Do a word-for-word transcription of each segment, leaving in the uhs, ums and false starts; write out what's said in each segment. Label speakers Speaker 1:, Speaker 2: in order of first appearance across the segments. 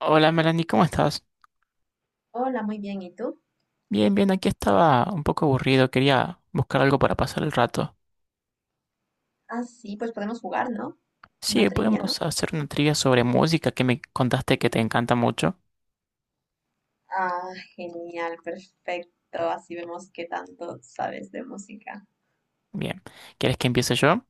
Speaker 1: Hola Melanie, ¿cómo estás?
Speaker 2: Hola, muy bien. ¿Y tú?
Speaker 1: Bien, bien, aquí estaba un poco aburrido, quería buscar algo para pasar el rato.
Speaker 2: Ah, sí, pues podemos jugar, ¿no? Una
Speaker 1: Sí,
Speaker 2: trivia, ¿no?
Speaker 1: podemos hacer una trivia sobre música que me contaste que te encanta mucho.
Speaker 2: Ah, Genial, perfecto. Así vemos qué tanto sabes de música.
Speaker 1: Bien, ¿quieres que empiece yo?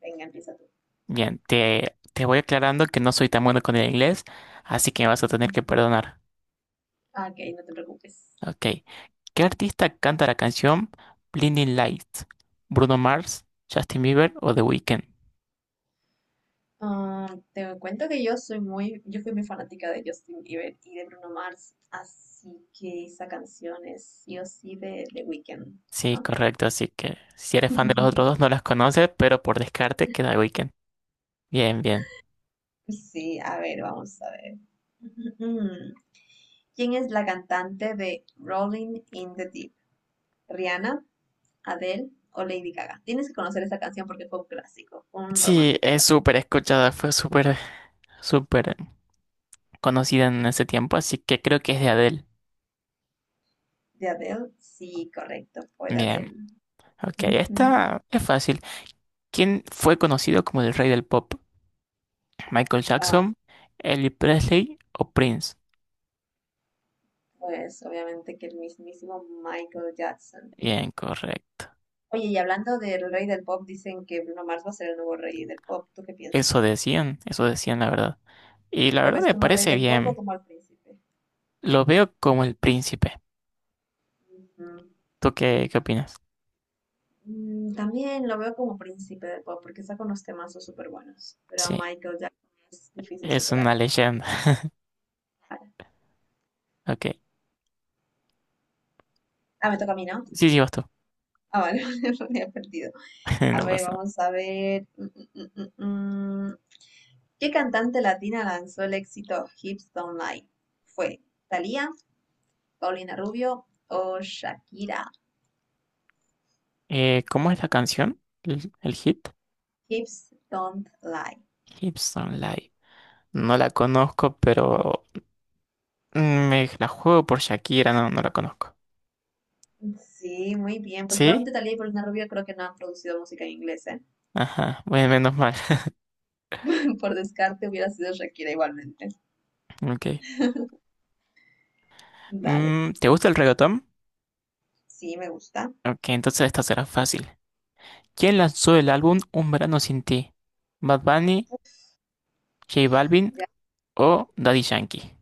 Speaker 2: Venga, empieza tú.
Speaker 1: Bien, te, te voy aclarando que no soy tan bueno con el inglés, así que me vas a tener que perdonar.
Speaker 2: Ah, ok, no te preocupes.
Speaker 1: Ok, ¿qué artista canta la canción Blinding Lights? ¿Bruno Mars, Justin Bieber o The Weeknd?
Speaker 2: Ah, te cuento que yo soy muy, yo fui muy fanática de Justin Bieber y de Bruno Mars, así que esa canción es sí o sí de The Weeknd,
Speaker 1: Sí,
Speaker 2: ¿no?
Speaker 1: correcto, así que si eres fan de los otros dos no las conoces, pero por descarte queda The Weeknd. Bien, bien.
Speaker 2: Sí, a ver, vamos a ver. Mm, ¿Quién es la cantante de Rolling in the Deep? ¿Rihanna, Adele o Lady Gaga? Tienes que conocer esa canción porque fue un clásico, fue un
Speaker 1: Sí,
Speaker 2: romántico
Speaker 1: es
Speaker 2: clásico.
Speaker 1: súper escuchada, fue súper, súper conocida en ese tiempo, así que creo que es de Adele.
Speaker 2: ¿De Adele? Sí, correcto, fue de
Speaker 1: Bien,
Speaker 2: Adele.
Speaker 1: ok,
Speaker 2: Ujú.
Speaker 1: esta es fácil. ¿Quién fue conocido como el rey del pop? ¿Michael
Speaker 2: Ah,
Speaker 1: Jackson, Elvis Presley o Prince?
Speaker 2: pues obviamente que el mismísimo Michael Jackson.
Speaker 1: Bien, correcto.
Speaker 2: Oye, y hablando del rey del pop, dicen que Bruno Mars va a ser el nuevo rey del pop. ¿Tú qué
Speaker 1: Eso
Speaker 2: piensas?
Speaker 1: decían, eso decían la verdad. Y la
Speaker 2: ¿Lo
Speaker 1: verdad
Speaker 2: ves
Speaker 1: me
Speaker 2: como el rey
Speaker 1: parece
Speaker 2: del pop o
Speaker 1: bien.
Speaker 2: como el príncipe?
Speaker 1: Lo veo como el príncipe.
Speaker 2: Ujú.
Speaker 1: ¿Tú qué, qué opinas?
Speaker 2: Mm, También lo veo como príncipe del pop porque saca unos temazos súper buenos, pero a
Speaker 1: Sí,
Speaker 2: Michael Jackson es difícil
Speaker 1: es
Speaker 2: superar.
Speaker 1: una leyenda. Ok,
Speaker 2: Ah, me toca a mí, ¿no?
Speaker 1: sí, sí, vas tú.
Speaker 2: Ah, vale, me había perdido. A
Speaker 1: No
Speaker 2: ver,
Speaker 1: pasa nada.
Speaker 2: vamos a ver. Mm, mm, mm, mm, mm. ¿Qué cantante latina lanzó el éxito Hips Don't Lie? ¿Fue Thalía, Paulina Rubio o Shakira?
Speaker 1: Eh, ¿cómo es la canción? ¿El, el hit?
Speaker 2: Hips Don't Lie.
Speaker 1: Gibson Live. No la conozco, pero mm, me la juego por Shakira, no, no la conozco.
Speaker 2: Sí, muy bien, porque
Speaker 1: ¿Sí?
Speaker 2: igualmente Thalía y Paulina Rubio creo que no han producido música en inglés, ¿eh?
Speaker 1: Ajá, bueno, menos mal.
Speaker 2: Por descarte hubiera sido Shakira igualmente.
Speaker 1: Ok.
Speaker 2: Dale,
Speaker 1: Mm, ¿te gusta el reggaetón?
Speaker 2: sí, me gusta.
Speaker 1: Ok, entonces esta será fácil. ¿Quién lanzó el álbum Un verano sin ti? ¿Bad Bunny, J Balvin
Speaker 2: Ya.
Speaker 1: o Daddy Yankee?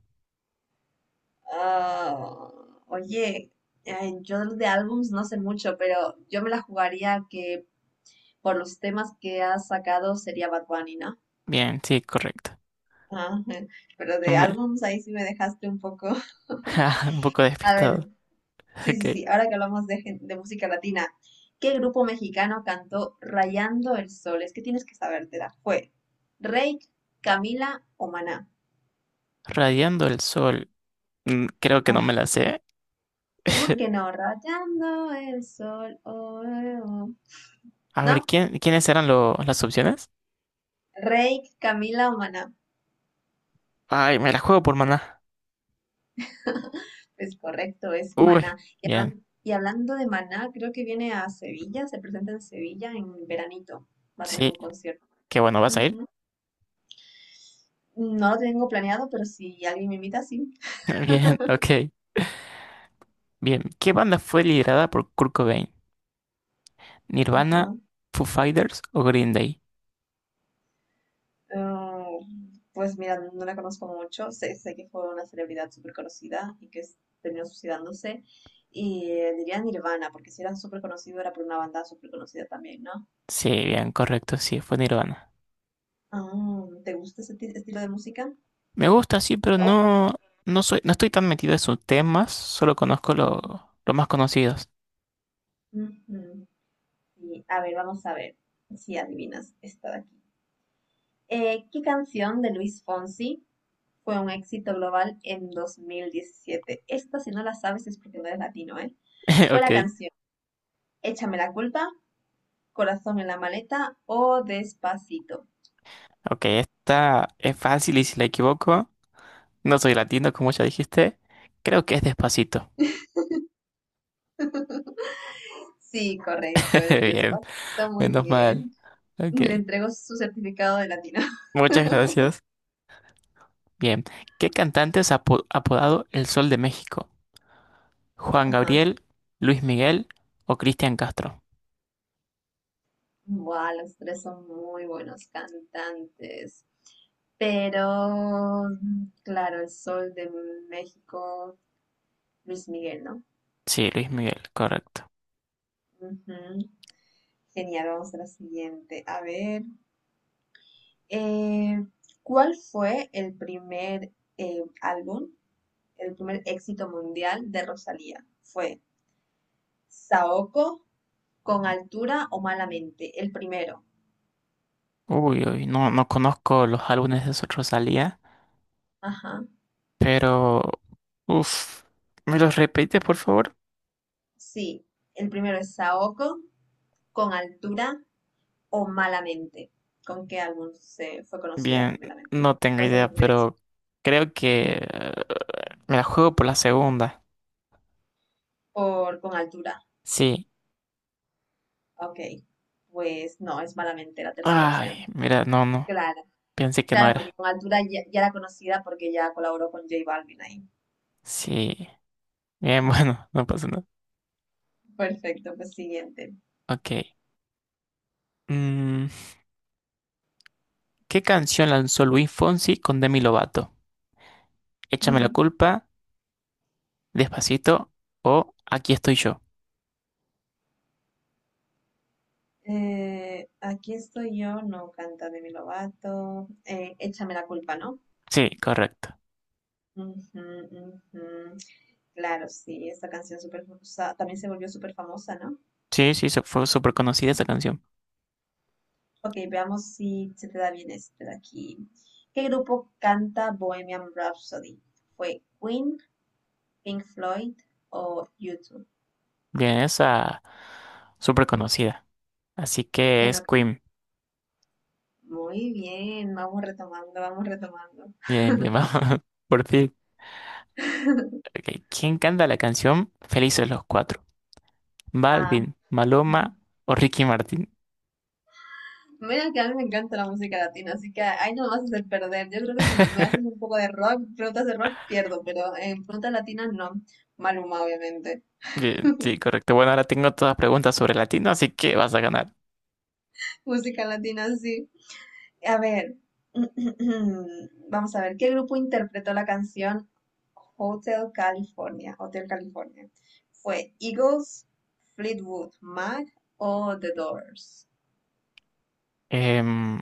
Speaker 2: Ah, Oye, ay, yo de álbums no sé mucho, pero yo me la jugaría que por los temas que has sacado sería Bad Bunny, ¿no?
Speaker 1: Bien, sí, correcto.
Speaker 2: Ah, pero de
Speaker 1: Me-
Speaker 2: álbums ahí sí me dejaste un poco.
Speaker 1: Un poco
Speaker 2: A ver,
Speaker 1: despistado.
Speaker 2: sí, sí,
Speaker 1: Ok.
Speaker 2: sí, ahora que hablamos de, gen- de música latina, ¿qué grupo mexicano cantó Rayando el Sol? Es que tienes que sabértela. ¿Fue Reik, Camila o Maná?
Speaker 1: Radiando el sol. Mm, creo que no me
Speaker 2: Ah,
Speaker 1: la sé.
Speaker 2: ¿cómo que no? Rayando el Sol, oh, eh, oh.
Speaker 1: A ver,
Speaker 2: ¿No?
Speaker 1: ¿quién, ¿quiénes eran lo- las opciones?
Speaker 2: Reik, Camila o Maná.
Speaker 1: Ay, me la juego por maná.
Speaker 2: Es correcto, es
Speaker 1: Uy,
Speaker 2: Maná. Y,
Speaker 1: bien,
Speaker 2: hablan- y hablando de Maná, creo que viene a Sevilla, se presenta en Sevilla en veranito. Va a tener
Speaker 1: sí,
Speaker 2: un concierto.
Speaker 1: qué bueno, ¿vas a ir?
Speaker 2: Ujú. No lo tengo planeado, pero si alguien me invita, sí.
Speaker 1: Bien, ok, bien. ¿Qué banda fue liderada por Kurt Cobain? ¿Nirvana,
Speaker 2: Ajá.
Speaker 1: Foo Fighters o Green Day?
Speaker 2: Ah, pues mira, no la conozco mucho. Sé, sé que fue una celebridad súper conocida y que s- terminó suicidándose. Y eh, diría Nirvana, porque si era súper conocido era por una banda súper conocida también, ¿no?
Speaker 1: Sí, bien, correcto, sí, fue Nirvana.
Speaker 2: Ah, ¿te gusta ese ti- estilo de música?
Speaker 1: Me gusta, sí, pero no, no soy, no estoy tan metido en sus temas, solo conozco
Speaker 2: Ujú.
Speaker 1: lo- los más conocidos.
Speaker 2: Ujú. Sí, a ver, vamos a ver si adivinas esta de aquí. Eh, ¿qué canción de Luis Fonsi fue un éxito global en dos mil diecisiete? Esta, si no la sabes, es porque no eres latino, ¿eh? Fue la
Speaker 1: Ok,
Speaker 2: canción Échame la culpa, Corazón en la maleta o Despacito.
Speaker 1: ok, esta es fácil y si la equivoco, no soy latino, como ya dijiste, creo que es Despacito.
Speaker 2: Sí, correcto, es
Speaker 1: Bien,
Speaker 2: Despacito, muy
Speaker 1: menos mal,
Speaker 2: bien.
Speaker 1: ok.
Speaker 2: Le entrego su certificado de latino.
Speaker 1: Muchas gracias. Bien, ¿qué cantante es apo- apodado El Sol de México? ¿Juan
Speaker 2: Ajá.
Speaker 1: Gabriel, Luis Miguel o Cristian Castro?
Speaker 2: Wow, los tres son muy buenos cantantes. Pero, mm, claro, el sol de México, Luis Miguel, ¿no?
Speaker 1: Sí, Luis Miguel, correcto.
Speaker 2: Ujú. Genial, vamos a la siguiente. A ver, eh, ¿cuál fue el primer eh, álbum, el primer éxito mundial de Rosalía? ¿Fue Saoko, Con Altura o Malamente? El primero.
Speaker 1: Uy, uy, no, no conozco los álbumes de Rosalía,
Speaker 2: Ajá.
Speaker 1: pero... Uf, ¿me los repites, por favor?
Speaker 2: Sí, el primero, ¿es Saoko, Con Altura o Malamente? ¿Con qué álbum se fue conocida
Speaker 1: Bien,
Speaker 2: primeramente?
Speaker 1: no tengo
Speaker 2: ¿Cuál fue su
Speaker 1: idea,
Speaker 2: primer
Speaker 1: pero
Speaker 2: éxito?
Speaker 1: creo que eh, me la juego por la segunda.
Speaker 2: Por Con Altura.
Speaker 1: Sí.
Speaker 2: Ok. Pues no, es Malamente, la tercera
Speaker 1: Ay,
Speaker 2: opción.
Speaker 1: mira, no, no,
Speaker 2: Claro.
Speaker 1: pensé que no
Speaker 2: Claro, porque
Speaker 1: era.
Speaker 2: Con Altura ya, ya era conocida porque ya colaboró con J Balvin ahí.
Speaker 1: Sí. Bien, bueno, no pasa nada.
Speaker 2: Perfecto, pues siguiente.
Speaker 1: Ok. Mm, ¿qué canción lanzó Luis Fonsi con Demi Lovato? Échame la culpa, Despacito o Aquí estoy yo.
Speaker 2: Eh, aquí estoy yo no canta Demi Lovato. Eh, Échame la culpa, ¿no?
Speaker 1: Sí, correcto.
Speaker 2: Ujú, ujú. Claro, sí, esta canción super, también se volvió súper famosa, ¿no?
Speaker 1: Sí, sí, su- fue súper conocida esa canción.
Speaker 2: Ok, veamos si se te da bien este de aquí. ¿Qué grupo canta Bohemian Rhapsody? ¿Fue Queen, Pink Floyd o YouTube?
Speaker 1: Bien, esa súper conocida. Así que
Speaker 2: ¿Quién
Speaker 1: es
Speaker 2: lo-
Speaker 1: Queen.
Speaker 2: muy bien, vamos retomando, vamos retomando.
Speaker 1: Bien, bien, vamos. Por fin. Ok, ¿quién canta la canción Felices los Cuatro?
Speaker 2: Ah,
Speaker 1: ¿Balvin, Maloma o Ricky Martin?
Speaker 2: mira que a mí me encanta la música latina, así que ahí no me vas a hacer perder. Yo creo que si me haces un poco de rock, preguntas de rock, pierdo, pero en preguntas latinas no. Maluma, obviamente.
Speaker 1: Bien, sí, correcto. Bueno, ahora tengo todas preguntas sobre latino, así que vas a ganar.
Speaker 2: Música latina, sí. A ver, vamos a ver, ¿qué grupo interpretó la canción Hotel California? Hotel California. ¿Fue Eagles, Fleetwood Mac o The Doors?
Speaker 1: Em,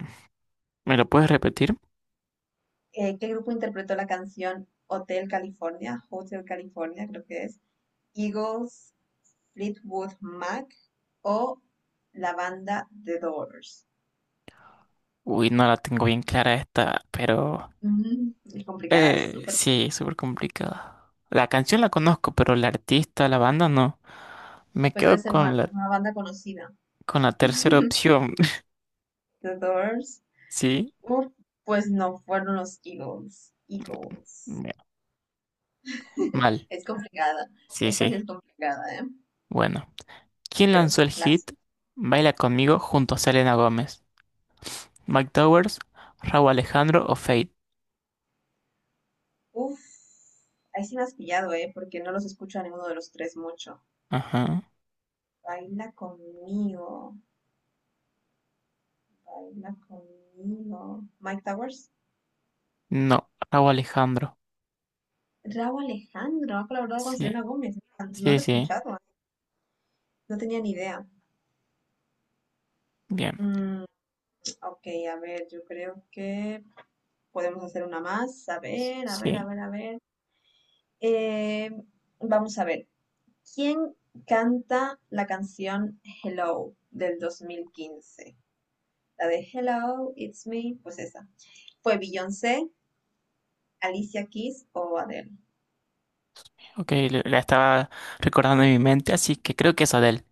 Speaker 1: ¿me lo puedes repetir?
Speaker 2: Eh, ¿qué grupo interpretó la canción Hotel California? Hotel California creo que es. ¿Eagles, Fleetwood Mac o la banda The Doors?
Speaker 1: Uy, no la tengo bien clara esta, pero
Speaker 2: Mm, es complicada, es
Speaker 1: eh,
Speaker 2: súper.
Speaker 1: sí, súper complicada. La canción la conozco, pero la artista, la banda no. Me
Speaker 2: Pues debe
Speaker 1: quedo
Speaker 2: ser
Speaker 1: con
Speaker 2: una,
Speaker 1: la,
Speaker 2: una banda conocida.
Speaker 1: con la tercera opción.
Speaker 2: The Doors.
Speaker 1: Sí,
Speaker 2: Uh, pues no, fueron los Eagles. Eagles.
Speaker 1: me- mal.
Speaker 2: Es complicada.
Speaker 1: Sí,
Speaker 2: Esta
Speaker 1: sí.
Speaker 2: sí es complicada, ¿eh?
Speaker 1: Bueno, ¿quién
Speaker 2: Pero
Speaker 1: lanzó el
Speaker 2: son
Speaker 1: hit
Speaker 2: clásicos.
Speaker 1: Baila conmigo junto a Selena Gómez? ¿Mike Towers, Rauw Alejandro o Fate?
Speaker 2: Uf, ahí sí me has pillado, ¿eh? Porque no los escucho a ninguno de los tres mucho.
Speaker 1: Ajá.
Speaker 2: Baila conmigo. Baila conmigo. Mike Towers.
Speaker 1: No, Rauw Alejandro.
Speaker 2: Raúl Alejandro ha colaborado con
Speaker 1: Sí,
Speaker 2: Selena Gómez. No lo
Speaker 1: sí,
Speaker 2: he
Speaker 1: sí.
Speaker 2: escuchado. ¿Eh? No tenía ni idea.
Speaker 1: Bien.
Speaker 2: Mm, ok, a ver, yo creo que podemos hacer una más. A ver, a ver, a
Speaker 1: Sí.
Speaker 2: ver, a ver. Eh, Vamos a ver. ¿Quién canta la canción Hello del dos mil quince? La de Hello, It's Me, pues esa. Fue Beyoncé, Alicia Keys o Adele.
Speaker 1: Ok, la la estaba recordando en mi mente, así que creo que es Adele.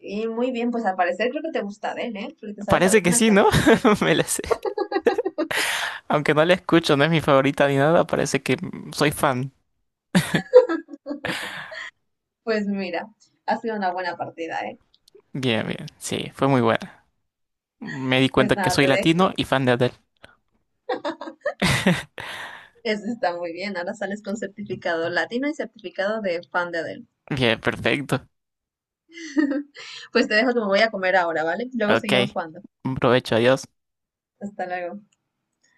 Speaker 2: Y muy bien, pues al parecer creo que te gusta Adele, ¿eh? Porque te sabes
Speaker 1: Parece que
Speaker 2: algunas
Speaker 1: sí, ¿no?
Speaker 2: canciones de ella.
Speaker 1: Me la sé. Aunque no la escucho, no es mi favorita ni nada, parece que soy fan.
Speaker 2: Pues mira, ha sido una buena partida, ¿eh?
Speaker 1: Bien, bien. Sí, fue muy buena. Me di
Speaker 2: Pues
Speaker 1: cuenta que
Speaker 2: nada,
Speaker 1: soy
Speaker 2: te dejo.
Speaker 1: latino y fan de Adele.
Speaker 2: Eso está muy bien. Ahora sales con certificado latino y certificado de fan de Adele.
Speaker 1: Bien, perfecto.
Speaker 2: Pues te dejo que me voy a comer ahora, ¿vale? Luego
Speaker 1: Ok.
Speaker 2: seguimos jugando.
Speaker 1: Un provecho, adiós.
Speaker 2: Hasta luego.